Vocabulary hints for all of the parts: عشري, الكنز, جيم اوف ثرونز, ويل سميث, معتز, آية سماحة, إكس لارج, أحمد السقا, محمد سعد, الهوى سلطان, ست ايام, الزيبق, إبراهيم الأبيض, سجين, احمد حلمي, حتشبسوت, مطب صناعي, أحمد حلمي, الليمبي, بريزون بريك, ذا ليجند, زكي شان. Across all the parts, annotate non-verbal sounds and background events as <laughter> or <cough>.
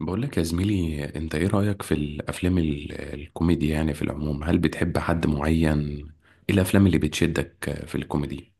بقول لك يا زميلي، انت ايه رأيك في الافلام الكوميدي؟ يعني في العموم، هل بتحب حد معين؟ ايه الافلام اللي بتشدك في الكوميدي؟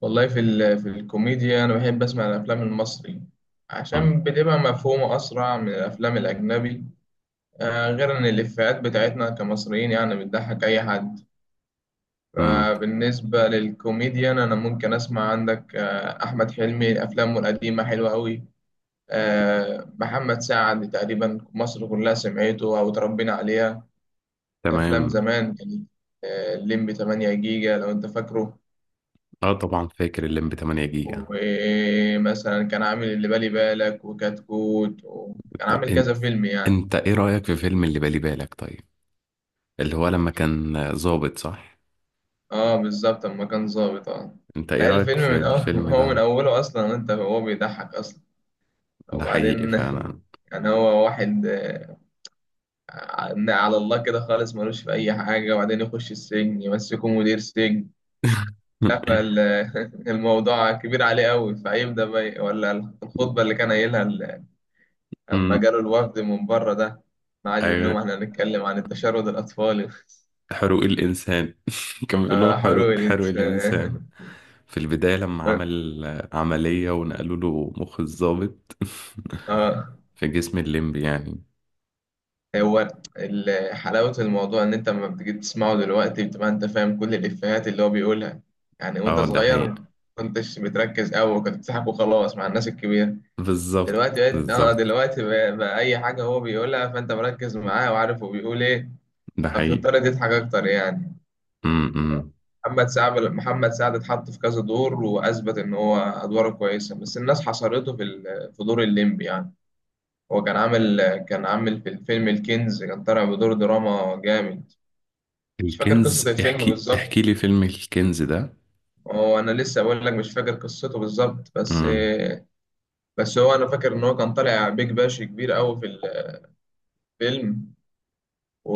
والله في الكوميديا، أنا بحب أسمع الأفلام المصري امم عشان بتبقى مفهومة أسرع من الأفلام الأجنبي. آه، غير إن الإفيهات بتاعتنا كمصريين يعني بتضحك أي حد. امم فبالنسبة للكوميديان أنا ممكن أسمع عندك أحمد حلمي، أفلامه القديمة حلوة أوي. محمد سعد تقريبا مصر كلها سمعته أو اتربينا عليها، أفلام تمام. زمان كانت. الليمبي 8 جيجا لو أنت فاكره، اه، طبعا فاكر الليمب 8 جيجا. ومثلا كان عامل اللي بالي بالك وكتكوت وكان طب عامل كذا فيلم يعني. انت ايه رأيك في فيلم اللي بالي بالك؟ طيب، اللي هو لما كان ظابط، صح؟ اه بالظبط، اما كان ظابط، اه. انت ايه لا، رأيك الفيلم في من أول الفيلم <laughs> هو من ده؟ اوله اصلا انت هو بيضحك اصلا. ده حقيقي وبعدين فعلا. يعني هو واحد على الله كده خالص، ملوش في اي حاجه، وبعدين يخش السجن يمسكه مدير سجن. <laughs> لا، فالموضوع كبير عليه قوي، فيبدا بقى ولا الخطبه اللي كان قايلها لما امم جاله الوفد من بره ده، قعد يقول لهم ايوه. احنا هنتكلم عن التشرد الاطفالي. <laughs> حروق الإنسان. <laughs> كان بيقول لهم اه حروق حلول انت. حروق الإنسان في البداية لما اه، عمل عملية ونقلوا له مخ الضابط. آه، <laughs> في جسم الليمبي يعني. هو حلاوة الموضوع ان انت لما بتيجي تسمعه دلوقتي بتبقى انت فاهم كل الافيهات اللي هو بيقولها. يعني وانت اه، ده صغير حقيقي. ما كنتش بتركز قوي، كنت بتضحك وخلاص مع الناس الكبيرة. بالظبط دلوقتي بقيت اه، بالظبط. دلوقتي بقى اي حاجة هو بيقولها فانت مركز معاه وعارف هو بيقول ايه، ده حقيقي. فبتضطر تضحك اكتر يعني. م -م. محمد سعد اتحط في كذا دور واثبت ان هو ادواره كويسة، بس الناس حصرته في في دور الليمبي يعني. هو كان عامل في الفيلم الكنز، كان طالع بدور دراما جامد. مش فاكر قصة الكنز؟ الفيلم احكي بالظبط، احكي لي فيلم الكنز ده. هو أنا لسه بقول لك مش فاكر قصته بالظبط، بس م بس هو أنا فاكر إن هو كان طالع بيج باش كبير أوي في الفيلم.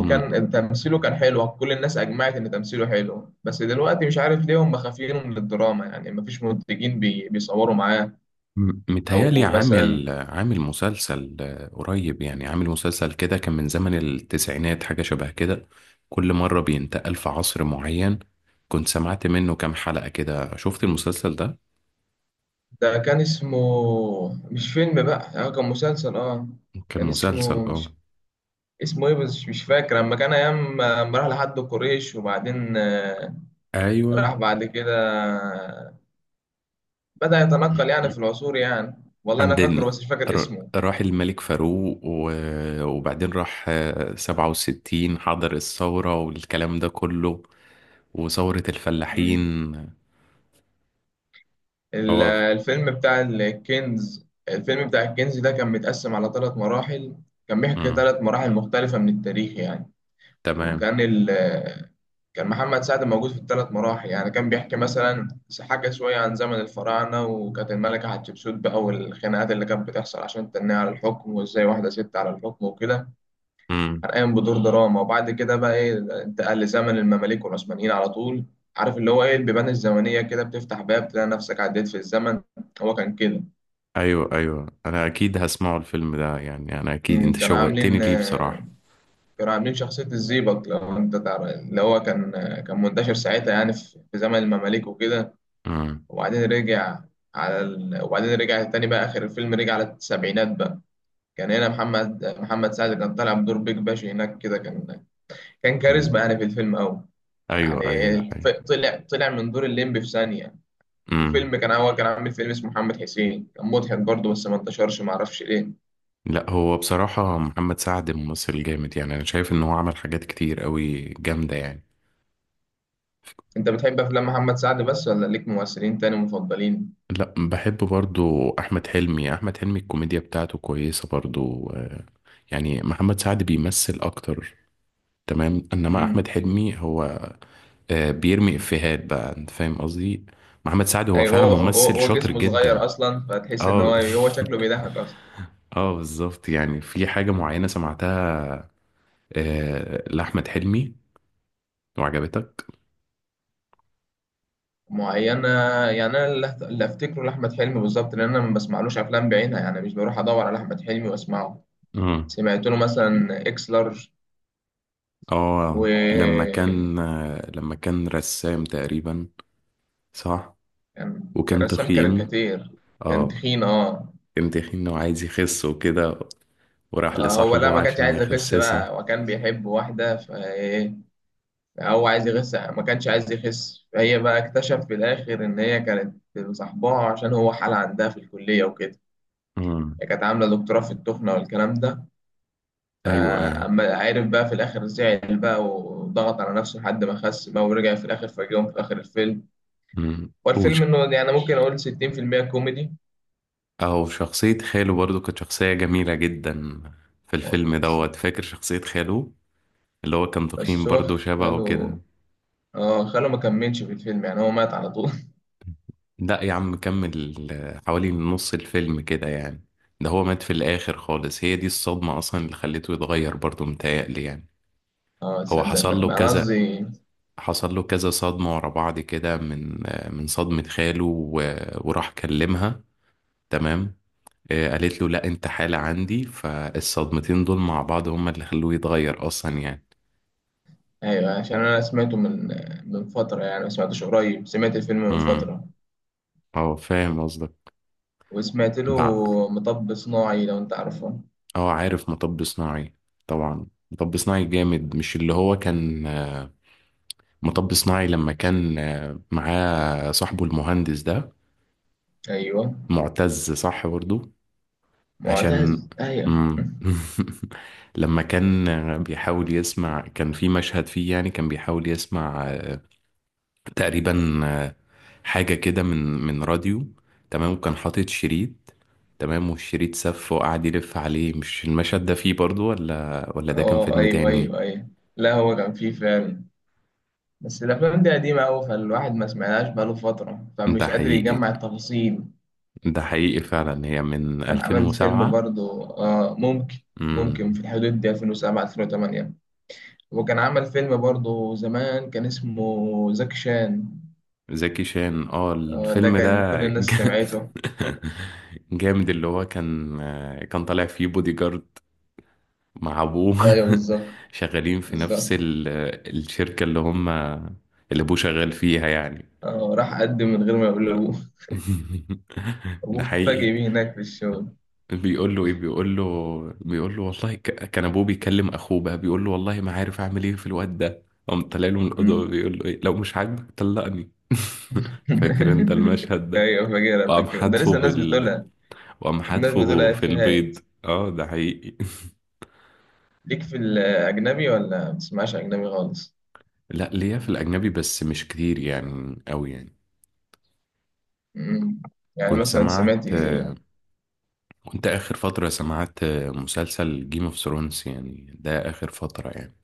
-م. تمثيله، كان حلو، كل الناس أجمعت إن تمثيله حلو، بس دلوقتي مش عارف ليه هم خافين من الدراما يعني، مفيش منتجين بيصوروا معاه. متهيألي أو مثلا عامل عامل مسلسل، قريب يعني. عامل مسلسل كده كان من زمن التسعينات، حاجة شبه كده. كل مرة بينتقل في عصر معين. كنت سمعت منه كام حلقة كده، شفت المسلسل ده؟ ده كان اسمه، مش فيلم بقى يعني كان مسلسل اه، كان كان مسلسل، اسمه، اه. مش اسمه ايه بس مش فاكر، اما كان ايام اما راح لحد قريش وبعدين ايوه. راح بعد كده بدأ يتنقل يعني في العصور يعني، والله انا فاكره عندن بس مش فاكر اسمه. راح الملك فاروق وبعدين راح، 67، حضر الثورة والكلام ده كله، وثورة الفلاحين. مم. هو الفيلم بتاع الكنز ده كان متقسم على ثلاث مراحل، كان بيحكي مم. ثلاث مراحل مختلفة من التاريخ يعني. تمام. وكان ال كان محمد سعد موجود في الثلاث مراحل يعني، كان بيحكي مثلا حاجة شوية عن زمن الفراعنة، وكانت الملكة حتشبسوت بقى، والخناقات اللي كانت بتحصل عشان تنيه على الحكم وازاي واحدة ست على الحكم وكده. كان قايم بدور دراما، وبعد كده بقى ايه، انتقل لزمن المماليك والعثمانيين على طول. عارف اللي هو ايه البيبان الزمنية كده بتفتح باب تلاقي نفسك عديت في الزمن، هو كان كده. ايوه ايوه، انا اكيد هسمعه الفيلم ده يعني. انا اكيد انت كانوا شوقتني عاملين ليه بصراحة. كانوا عاملين شخصية الزيبق لو انت تعرف، اللي هو كان كان منتشر ساعتها يعني في زمن المماليك وكده. امم وبعدين رجع وبعدين رجع تاني بقى، آخر الفيلم رجع على السبعينات بقى. كان هنا محمد سعد كان طالع بدور بيج باشا هناك كده، كان كان أمم. كاريزما يعني في الفيلم أوي. يعني ايوه ايوه ايوه. طلع من دور الليمبي في ثانية. امم وفيلم كان هو كان عامل فيلم اسمه محمد حسين، كان مضحك برضه بس ما انتشرش، ما اعرفش ليه. لا، هو بصراحة محمد سعد ممثل جامد يعني. انا شايف ان هو عمل حاجات كتير قوي جامدة يعني. انت بتحب افلام محمد سعد بس ولا ليك ممثلين تاني مفضلين؟ لا، بحب برضو احمد حلمي. احمد حلمي الكوميديا بتاعته كويسة برضو، يعني محمد سعد بيمثل اكتر. تمام. انما احمد امم. حلمي هو بيرمي افيهات بقى، انت فاهم قصدي. محمد سعد هو ايوه، فعلا هو ممثل شاطر جسمه جدا. صغير اصلا فتحس ان هو اه. هو شكله بيضحك. <laughs> اه، بالظبط. يعني في حاجة معينة سمعتها لأحمد حلمي وعجبتك؟ معينة، يعني أنا اللي أفتكره لأحمد حلمي بالظبط، لأن أنا ما بسمعلوش أفلام بعينها يعني، مش بروح أدور على أحمد حلمي وأسمعه. مم. سمعت له مثلا إكس لارج. و اه، لما كان، لما كان رسام تقريبا؟ صح. كان وكان رسام تخين. كاريكاتير، كان اه، تخين أه. كان تخين وعايز يخس وكده. وراح آه، هو لا لصاحبه ما كانش عشان عايز يخس يخسسه. بقى، وكان بيحب واحدة فإيه، هو عايز يخس، ما كانش عايز يخس، فهي بقى اكتشف في الآخر إن هي كانت صاحبها عشان هو حالة عندها في الكلية وكده، مم. هي كانت عاملة دكتوراه في التخنة والكلام ده. ايوه ايوه. فأما عارف بقى في الآخر زعل بقى وضغط على نفسه لحد ما خس بقى، ورجع في الآخر فاجئهم في آخر الفيلم. مم. هو الفيلم وش إنه يعني ممكن أقول 60% كوميدي. او شخصية خاله برضو كانت شخصية جميلة جدا في أه الفيلم بس، دوت فاكر شخصية خاله؟ اللي هو كان تخين بس هو برضو شبهه خاله، كده. اه، خاله ما كملش في الفيلم يعني، هو مات على طول. لا يا عم، كمل حوالي نص الفيلم كده يعني. ده هو مات في الآخر خالص. هي دي الصدمة أصلا اللي خليته يتغير برضه، متهيألي يعني. <laughs> اه هو تصدق، حصل له بقى أنا كذا، قصدي. حصل له كذا صدمة ورا بعض كده، من من صدمة خاله وراح كلمها. تمام. قالت له لا انت حالة عندي. فالصدمتين دول مع بعض هما اللي خلوه يتغير أصلا يعني. أيوه عشان أنا سمعته من فترة يعني، ما سمعتوش قريب، سمعت الفيلم من امم فترة. اه، فاهم قصدك. وسمعت له بع- مطب صناعي لو أنت عارفه. اه، عارف مطب صناعي. طبعا مطب صناعي جامد. مش اللي هو كان، مطب صناعي لما كان معاه صاحبه المهندس ده؟ أيوه. معتز، صح برضه. عشان معتز، أيوه. مم. <laughs> لما كان بيحاول يسمع، كان في مشهد فيه يعني كان بيحاول يسمع، تقريبا، حاجة كده من راديو. تمام، وكان حاطط شريط. تمام، والشريط سف وقعد يلف عليه. مش المشهد ده فيه برضه؟ ولا ده كان اه فيلم أيوه تاني؟ أيوه أيوه. لا هو كان فيه فعلا، بس الافلام دي قديمه قوي فالواحد ما سمعناش بقاله فتره، ده فمش قادر حقيقي. يجمع التفاصيل. ده حقيقي فعلا. هي من كان عمل فيلم 2007. برضو ممكن، مم. في الحدود دي 2007 2008. وكان عمل فيلم برضو زمان كان اسمه زكي شان، زكي شان، اه. آه ده الفيلم كان ده كل الناس سمعته. <laughs> جامد. اللي هو كان طالع فيه بودي جارد مع ابوه. ايوه، <laughs> بالظبط شغالين في بالظبط. نفس الشركة اللي هم اللي ابوه شغال فيها يعني. آه، راح قدم من غير ما يقول لا. لابوه، <laughs> ده ابوه اتفاجئ حقيقي. بيه هناك في الشغل. بيقول له ايه؟ بيقول له والله، كان ابوه بيكلم اخوه بقى، بيقول له والله ما عارف اعمل ايه في الواد ده. قام طلع له من الاوضه، مم. بيقول له ايه؟ لو مش عاجبك طلقني. <laughs> فاكر انت <laughs> المشهد ده؟ ايوه فاكرها وقام فاكرها، ده حدفه لسه الناس بال. بتقولها، وقام الناس حدفه بتقولها في افيهات. البيض. اه، ده حقيقي. <laughs> ليك في الأجنبي ولا ما بتسمعش أجنبي خالص؟ لا، ليا في الأجنبي، بس مش كتير يعني أوي يعني. مم. يعني كنت مثلا سمعت، سمعت إيه؟ كنت آخر فترة سمعت، مسلسل جيم اوف ثرونز يعني. ده آخر فترة يعني.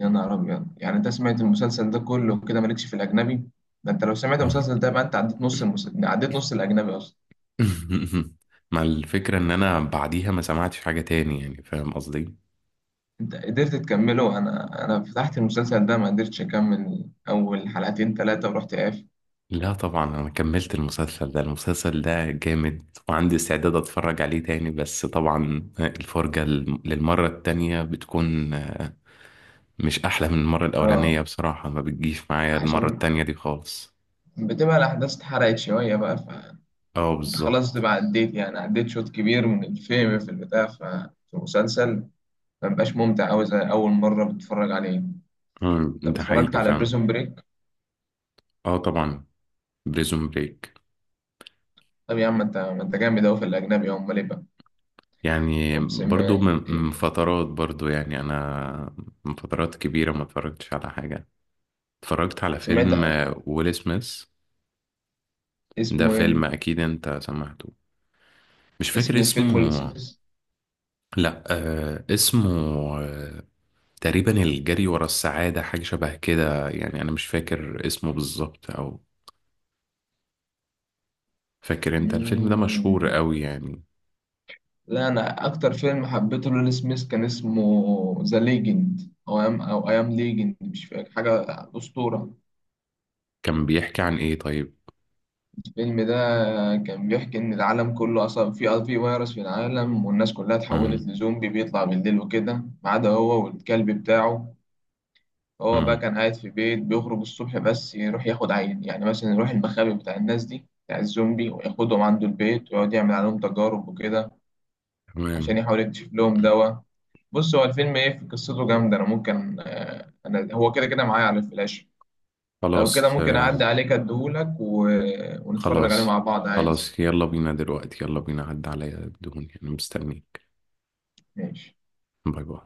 يا نهار أبيض، يعني أنت سمعت المسلسل ده كله كده مالكش في الأجنبي؟ ده أنت لو سمعت آه. المسلسل ده بقى أنت عديت نص المسلسل، عديت نص الأجنبي أصلا. <laughs> مع الفكرة إن أنا بعديها ما سمعتش حاجة تاني يعني، فاهم قصدي؟ أنت قدرت تكمله؟ أنا فتحت المسلسل ده، ما قدرتش أكمل أول حلقتين تلاتة ورحت قاف. لا، طبعا أنا كملت المسلسل ده. المسلسل ده جامد، وعندي استعداد أتفرج عليه تاني. بس طبعا الفرجة للمرة التانية بتكون مش احلى من المره الاولانيه أه، بصراحه. ما بتجيش معايا المره عشان التانية دي خالص. بتبقى الأحداث اتحرقت شوية بقى فأنت اه، خلاص بالظبط. تبقى عديت، يعني عديت شوط كبير من الفيلم في البتاع في المسلسل، ما بيبقاش ممتع أوي زي أول مرة بتتفرج عليه. مم، طب ده اتفرجت حقيقي على فعلا. بريزون بريك؟ اه، طبعا. بريزون بريك. طب يا عم، انت ما انت جامد أوي في الأجنبي، أمال إيه بقى؟ يعني طب برضو سمعت، من فترات برضو يعني. انا من فترات كبيره ما اتفرجتش على حاجه. اتفرجت على سمعت، فيلم، ويل سميث. ده اسمه إيه؟ فيلم اكيد انت سمعته. مش فاكر اسم اسمه. الفيلم ويل سميث. لا، آه اسمه، آه، تقريبا الجري ورا السعاده، حاجه شبه كده يعني. انا مش فاكر اسمه بالظبط، او فاكر انت الفيلم ده؟ مشهور مم. قوي يعني. لا، أنا أكتر فيلم حبيته لويل سميث كان اسمه ذا ليجند، أو أيام، أو أيام ليجند، مش فاكر حاجة، أسطورة. كان بيحكي عن ايه طيب؟ الفيلم ده كان بيحكي إن العالم كله أصلا في في فيروس في العالم، والناس كلها اتحولت امم لزومبي بيطلع بالليل وكده، ما عدا هو والكلب بتاعه. هو بقى امم كان قاعد في بيت، بيخرج الصبح بس يروح ياخد عين، يعني مثلا يروح المخابئ بتاع الناس دي بتاع الزومبي وياخدهم عنده البيت ويقعد يعمل عليهم تجارب وكده عشان تمام. يحاول يكتشف لهم دواء. بص، هو الفيلم ايه، في قصته جامدة، انا ممكن انا هو كده كده معايا على الفلاش. لو كده خلاص، ممكن اعدي عليك اديهولك ونتفرج عليه خلاص مع بعض عادي. خلاص يلا بينا دلوقتي. يلا بينا، عدى عليا الدهون يعني. مستنيك. ماشي. باي باي.